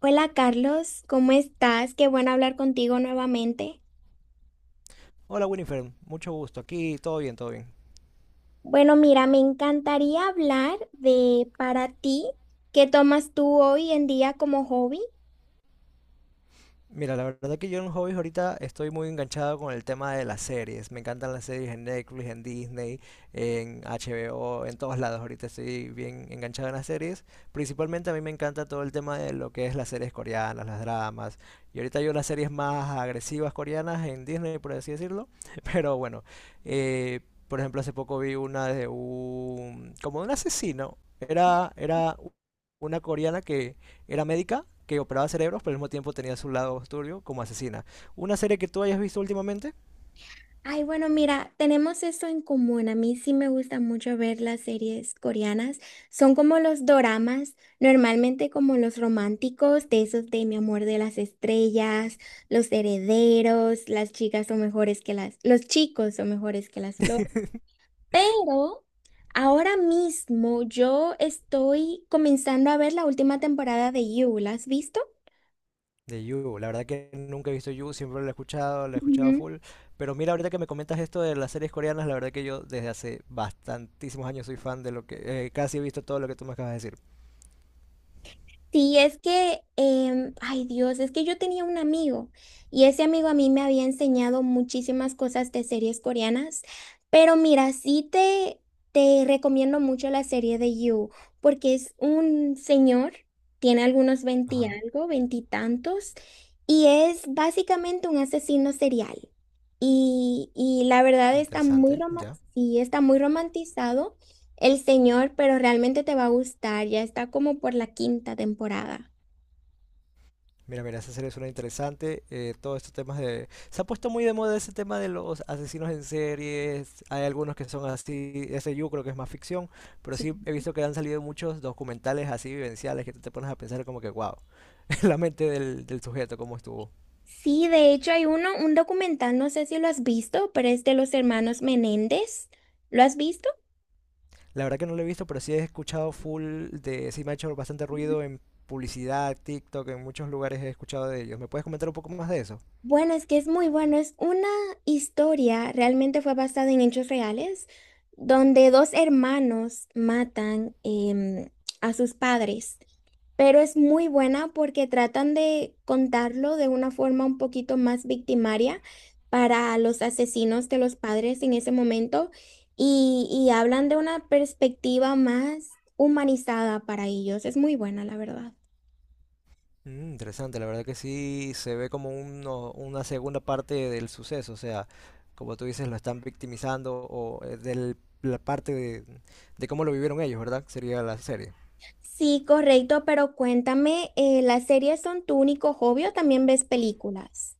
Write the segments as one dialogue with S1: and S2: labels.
S1: Hola Carlos, ¿cómo estás? Qué bueno hablar contigo nuevamente.
S2: Hola Winifred, mucho gusto. Aquí todo bien, todo bien.
S1: Bueno, mira, me encantaría hablar de para ti, ¿qué tomas tú hoy en día como hobby?
S2: Mira, la verdad que yo en hobbies ahorita estoy muy enganchado con el tema de las series. Me encantan las series en Netflix, en Disney, en HBO, en todos lados. Ahorita estoy bien enganchado en las series. Principalmente a mí me encanta todo el tema de lo que es las series coreanas, las dramas. Y ahorita yo las series más agresivas coreanas en Disney, por así decirlo. Pero bueno, eh, por ejemplo, hace poco vi una como de un asesino. Era una coreana que era médica que operaba cerebros, pero al mismo tiempo tenía su lado turbio como asesina. ¿Una serie que tú hayas visto últimamente?
S1: Ay, bueno, mira, tenemos eso en común. A mí sí me gusta mucho ver las series coreanas. Son como los doramas, normalmente como los románticos, de esos de Mi amor de las estrellas, Los herederos, las chicas son mejores que las, los chicos son mejores que las flores. Pero ahora mismo yo estoy comenzando a ver la última temporada de You. ¿La has visto?
S2: De You, la verdad que nunca he visto You, siempre la he
S1: Ujú.
S2: escuchado full. Pero mira, ahorita que me comentas esto de las series coreanas, la verdad que yo desde hace bastantísimos años soy fan casi he visto todo lo que tú me acabas de decir.
S1: Sí, es que, ay Dios, es que yo tenía un amigo y ese amigo a mí me había enseñado muchísimas cosas de series coreanas, pero mira, te recomiendo mucho la serie de You, porque es un señor, tiene algunos veinti
S2: Ajá.
S1: algo, veintitantos, y es básicamente un asesino serial. Y la verdad está muy,
S2: Interesante, ya.
S1: sí, está muy romantizado. El Señor, pero realmente te va a gustar, ya está como por la quinta temporada.
S2: Mira, mira, esa serie suena interesante. Todos estos temas se ha puesto muy de moda ese tema de los asesinos en series. Hay algunos que son así. Ese yo creo que es más ficción. Pero sí
S1: Sí.
S2: he visto que han salido muchos documentales así vivenciales que tú te pones a pensar como que, wow, la mente del sujeto, cómo estuvo.
S1: Sí, de hecho hay uno, un documental, no sé si lo has visto, pero es de los hermanos Menéndez. ¿Lo has visto?
S2: La verdad que no lo he visto, pero sí he escuchado. Sí me ha hecho bastante ruido en publicidad, TikTok, en muchos lugares he escuchado de ellos. ¿Me puedes comentar un poco más de eso?
S1: Bueno, es que es muy bueno. Es una historia, realmente fue basada en hechos reales, donde dos hermanos matan em, a sus padres. Pero es muy buena porque tratan de contarlo de una forma un poquito más victimaria para los asesinos de los padres en ese momento y hablan de una perspectiva más humanizada para ellos. Es muy buena, la verdad.
S2: Interesante, la verdad que sí se ve como una segunda parte del suceso, o sea, como tú dices, lo están victimizando o la parte de cómo lo vivieron ellos, ¿verdad? Sería la serie.
S1: Sí, correcto, pero cuéntame, ¿las series son tu único hobby o también ves películas?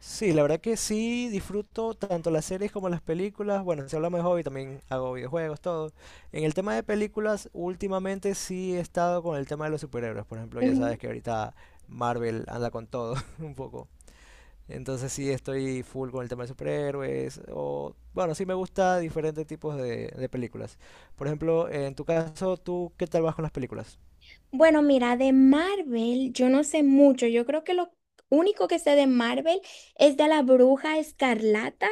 S2: Sí, la verdad que sí disfruto tanto las series como las películas. Bueno, si hablamos de hobby, también hago videojuegos, todo. En el tema de películas, últimamente sí he estado con el tema de los superhéroes. Por ejemplo, ya
S1: Ujú.
S2: sabes que ahorita Marvel anda con todo un poco. Entonces sí estoy full con el tema de superhéroes. O, bueno, sí me gusta diferentes tipos de películas. Por ejemplo, en tu caso, ¿tú qué tal vas con las películas?
S1: Bueno, mira, de Marvel yo no sé mucho. Yo creo que lo único que sé de Marvel es de la Bruja Escarlata.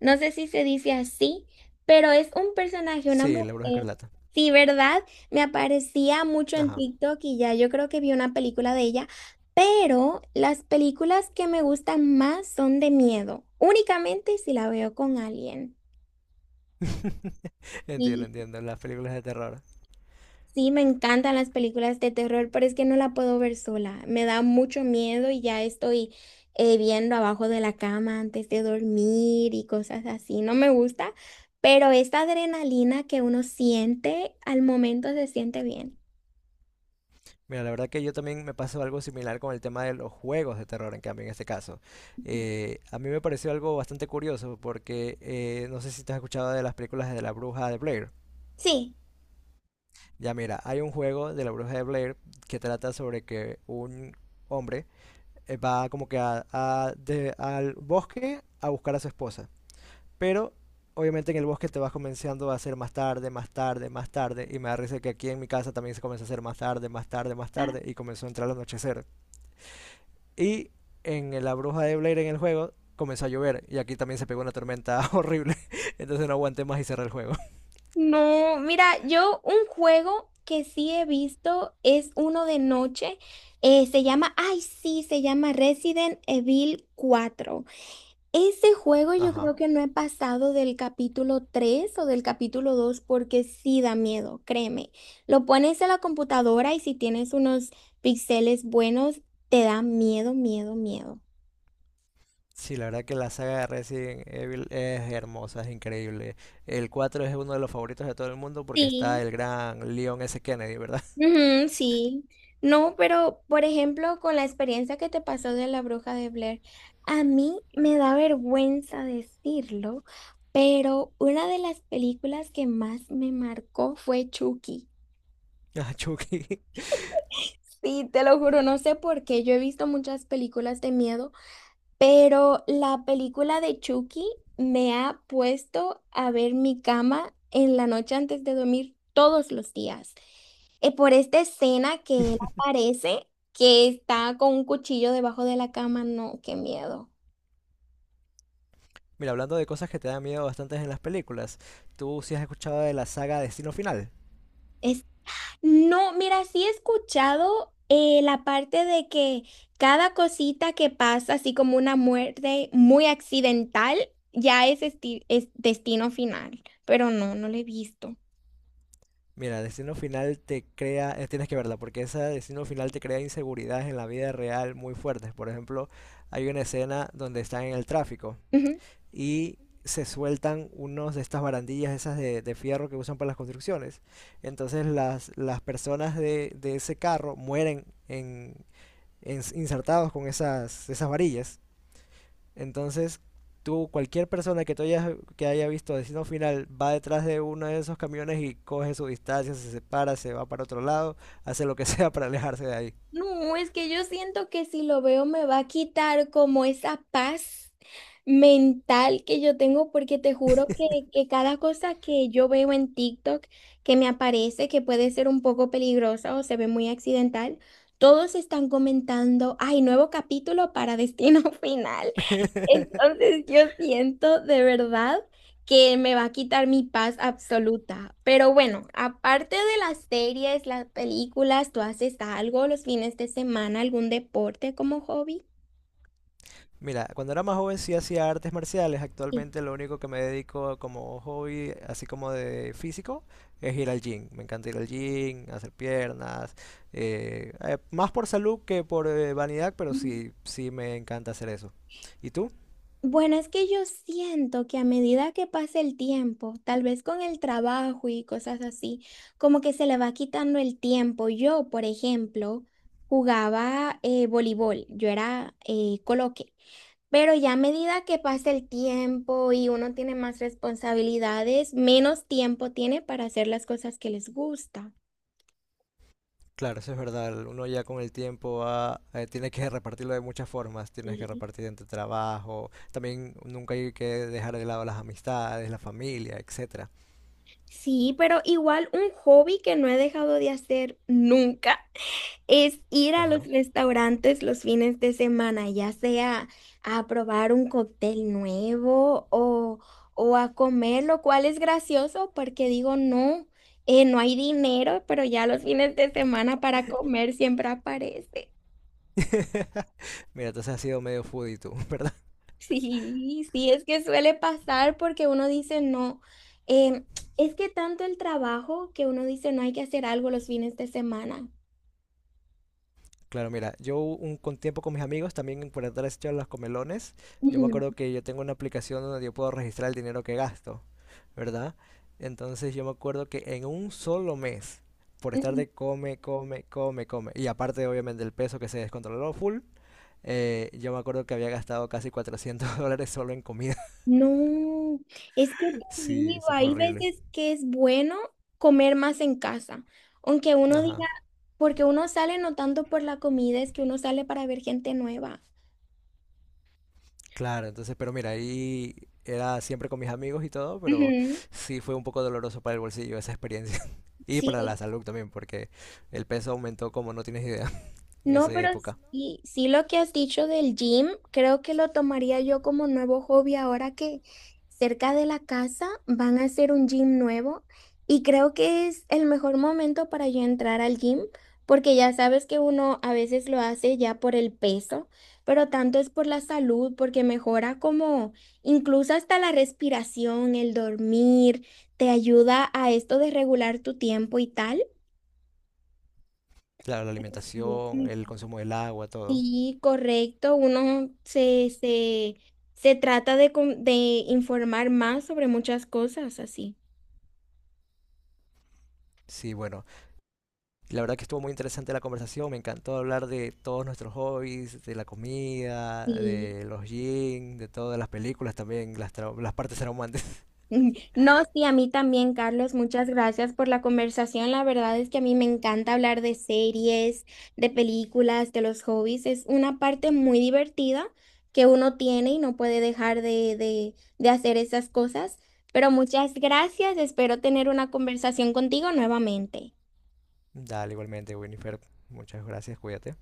S1: No sé si se dice así, pero es un personaje, una
S2: Sí, La Bruja
S1: mujer.
S2: Escarlata.
S1: Sí, ¿verdad? Me aparecía mucho en
S2: Ajá,
S1: TikTok y ya yo creo que vi una película de ella, pero las películas que me gustan más son de miedo, únicamente si la veo con alguien.
S2: entiendo, entiendo, las películas de terror.
S1: Sí, me encantan las películas de terror, pero es que no la puedo ver sola. Me da mucho miedo y ya estoy viendo abajo de la cama antes de dormir y cosas así. No me gusta, pero esta adrenalina que uno siente al momento se siente bien.
S2: Mira, la verdad que yo también me pasó algo similar con el tema de los juegos de terror, en cambio, en este caso. A mí me pareció algo bastante curioso porque no sé si te has escuchado de las películas de la Bruja de Blair.
S1: Sí,
S2: Ya mira, hay un juego de la Bruja de Blair que trata sobre que un hombre va como que al bosque a buscar a su esposa. Pero obviamente en el bosque te vas comenzando a hacer más tarde, más tarde, más tarde. Y me da risa que aquí en mi casa también se comenzó a hacer más tarde, más tarde, más tarde. Y comenzó a entrar el anochecer. Y en la Bruja de Blair en el juego comenzó a llover. Y aquí también se pegó una tormenta horrible. Entonces no aguanté más y cerré el juego.
S1: no, mira, yo un juego que sí he visto es uno de noche, se llama, ay sí, se llama Resident Evil cuatro. Ese juego yo
S2: Ajá.
S1: creo que no he pasado del capítulo 3 o del capítulo 2 porque sí da miedo, créeme. Lo pones en la computadora y si tienes unos píxeles buenos, te da miedo, miedo, miedo.
S2: Sí, la verdad que la saga de Resident Evil es hermosa, es increíble. El 4 es uno de los favoritos de todo el mundo porque está
S1: Sí.
S2: el gran Leon S. Kennedy, ¿verdad?
S1: Ujú, sí. No, pero por ejemplo, con la experiencia que te pasó de la bruja de Blair, a mí me da vergüenza decirlo, pero una de las películas que más me marcó fue Chucky.
S2: Ah, Chucky.
S1: Sí, te lo juro, no sé por qué. Yo he visto muchas películas de miedo, pero la película de Chucky me ha puesto a ver mi cama en la noche antes de dormir todos los días. Por esta escena que él aparece, que está con un cuchillo debajo de la cama, no, qué miedo.
S2: Mira, hablando de cosas que te dan miedo bastantes en las películas, ¿tú sí has escuchado de la saga Destino Final?
S1: Es No, mira, sí he escuchado la parte de que cada cosita que pasa, así como una muerte muy accidental, ya es, es destino final, pero no, no lo he visto.
S2: Mira, Destino Final te crea, tienes que verla, porque esa Destino Final te crea inseguridades en la vida real muy fuertes. Por ejemplo, hay una escena donde están en el tráfico y se sueltan unos de estas barandillas, esas de fierro que usan para las construcciones. Entonces las personas de ese carro mueren en, insertados con esas varillas. Entonces, tú, cualquier persona que haya visto Destino Final va detrás de uno de esos camiones y coge su distancia, se separa, se va para otro lado, hace lo que sea para alejarse de ahí.
S1: No, es que yo siento que si lo veo me va a quitar como esa paz mental que yo tengo, porque te juro que cada cosa que yo veo en TikTok que me aparece, que puede ser un poco peligrosa o se ve muy accidental, todos están comentando, ay, nuevo capítulo para Destino Final. Entonces yo siento de verdad que me va a quitar mi paz absoluta. Pero bueno, aparte de las series, las películas, ¿tú haces algo los fines de semana, algún deporte como hobby?
S2: Mira, cuando era más joven sí hacía artes marciales.
S1: Sí.
S2: Actualmente lo único que me dedico como hobby, así como de físico, es ir al gym. Me encanta ir al gym, hacer piernas. Más por salud que por vanidad, pero
S1: Ujú.
S2: sí, sí me encanta hacer eso. ¿Y tú?
S1: Bueno, es que yo siento que a medida que pasa el tiempo, tal vez con el trabajo y cosas así, como que se le va quitando el tiempo. Yo, por ejemplo, jugaba voleibol, yo era coloque. Pero ya a medida que pasa el tiempo y uno tiene más responsabilidades, menos tiempo tiene para hacer las cosas que les gusta.
S2: Claro, eso es verdad. Uno ya con el tiempo va, tiene que repartirlo de muchas formas. Tienes que
S1: Sí.
S2: repartir entre trabajo. También nunca hay que dejar de lado las amistades, la familia, etcétera.
S1: Sí, pero igual un hobby que no he dejado de hacer nunca es ir a los
S2: Ajá.
S1: restaurantes los fines de semana, ya sea a probar un cóctel nuevo o a comer, lo cual es gracioso porque digo, no, no hay dinero, pero ya los fines de semana para comer siempre aparece.
S2: Mira, entonces has sido medio foodie tú, ¿verdad?
S1: Sí, sí, es que suele pasar porque uno dice no. em, es que tanto el trabajo que uno dice no hay que hacer algo los fines de semana.
S2: Claro, mira, yo un con tiempo con mis amigos también por entrar a los comelones. Yo me
S1: Ujú,
S2: acuerdo que yo tengo una aplicación donde yo puedo registrar el dinero que gasto. ¿Verdad? Entonces yo me acuerdo que en un solo mes, por estar
S1: ujú.
S2: de come, come, come, come, y aparte obviamente el peso que se descontroló full, yo me acuerdo que había gastado casi 400 dólares solo en comida.
S1: No, es que te
S2: Sí,
S1: digo,
S2: eso fue
S1: hay
S2: horrible.
S1: veces que es bueno comer más en casa, aunque uno diga,
S2: Ajá.
S1: porque uno sale no tanto por la comida, es que uno sale para ver gente nueva.
S2: Claro, entonces, pero mira, ahí era siempre con mis amigos y todo, pero
S1: Ujú,
S2: sí fue un poco doloroso para el bolsillo esa experiencia. Y
S1: sí.
S2: para la salud también, porque el peso aumentó como no tienes idea en
S1: No,
S2: esa
S1: pero
S2: época.
S1: sí, sí lo que has dicho del gym, creo que lo tomaría yo como nuevo hobby ahora que cerca de la casa van a hacer un gym nuevo y creo que es el mejor momento para yo entrar al gym porque ya sabes que uno a veces lo hace ya por el peso, pero tanto es por la salud porque mejora como incluso hasta la respiración, el dormir, te ayuda a esto de regular tu tiempo y tal.
S2: Claro, la
S1: Sí,
S2: alimentación, el
S1: es
S2: consumo del agua, todo.
S1: sí, correcto. Uno se trata de, de informar más sobre muchas cosas así.
S2: Sí, bueno, la verdad que estuvo muy interesante la conversación, me encantó hablar de todos nuestros hobbies, de la comida,
S1: Sí.
S2: de los jeans, de todas las películas también, las partes traumantes.
S1: No, sí, a mí también, Carlos. Muchas gracias por la conversación. La verdad es que a mí me encanta hablar de series, de películas, de los hobbies. Es una parte muy divertida que uno tiene y no puede dejar de hacer esas cosas. Pero muchas gracias. Espero tener una conversación contigo nuevamente.
S2: Dale, igualmente, Winifred, muchas gracias, cuídate.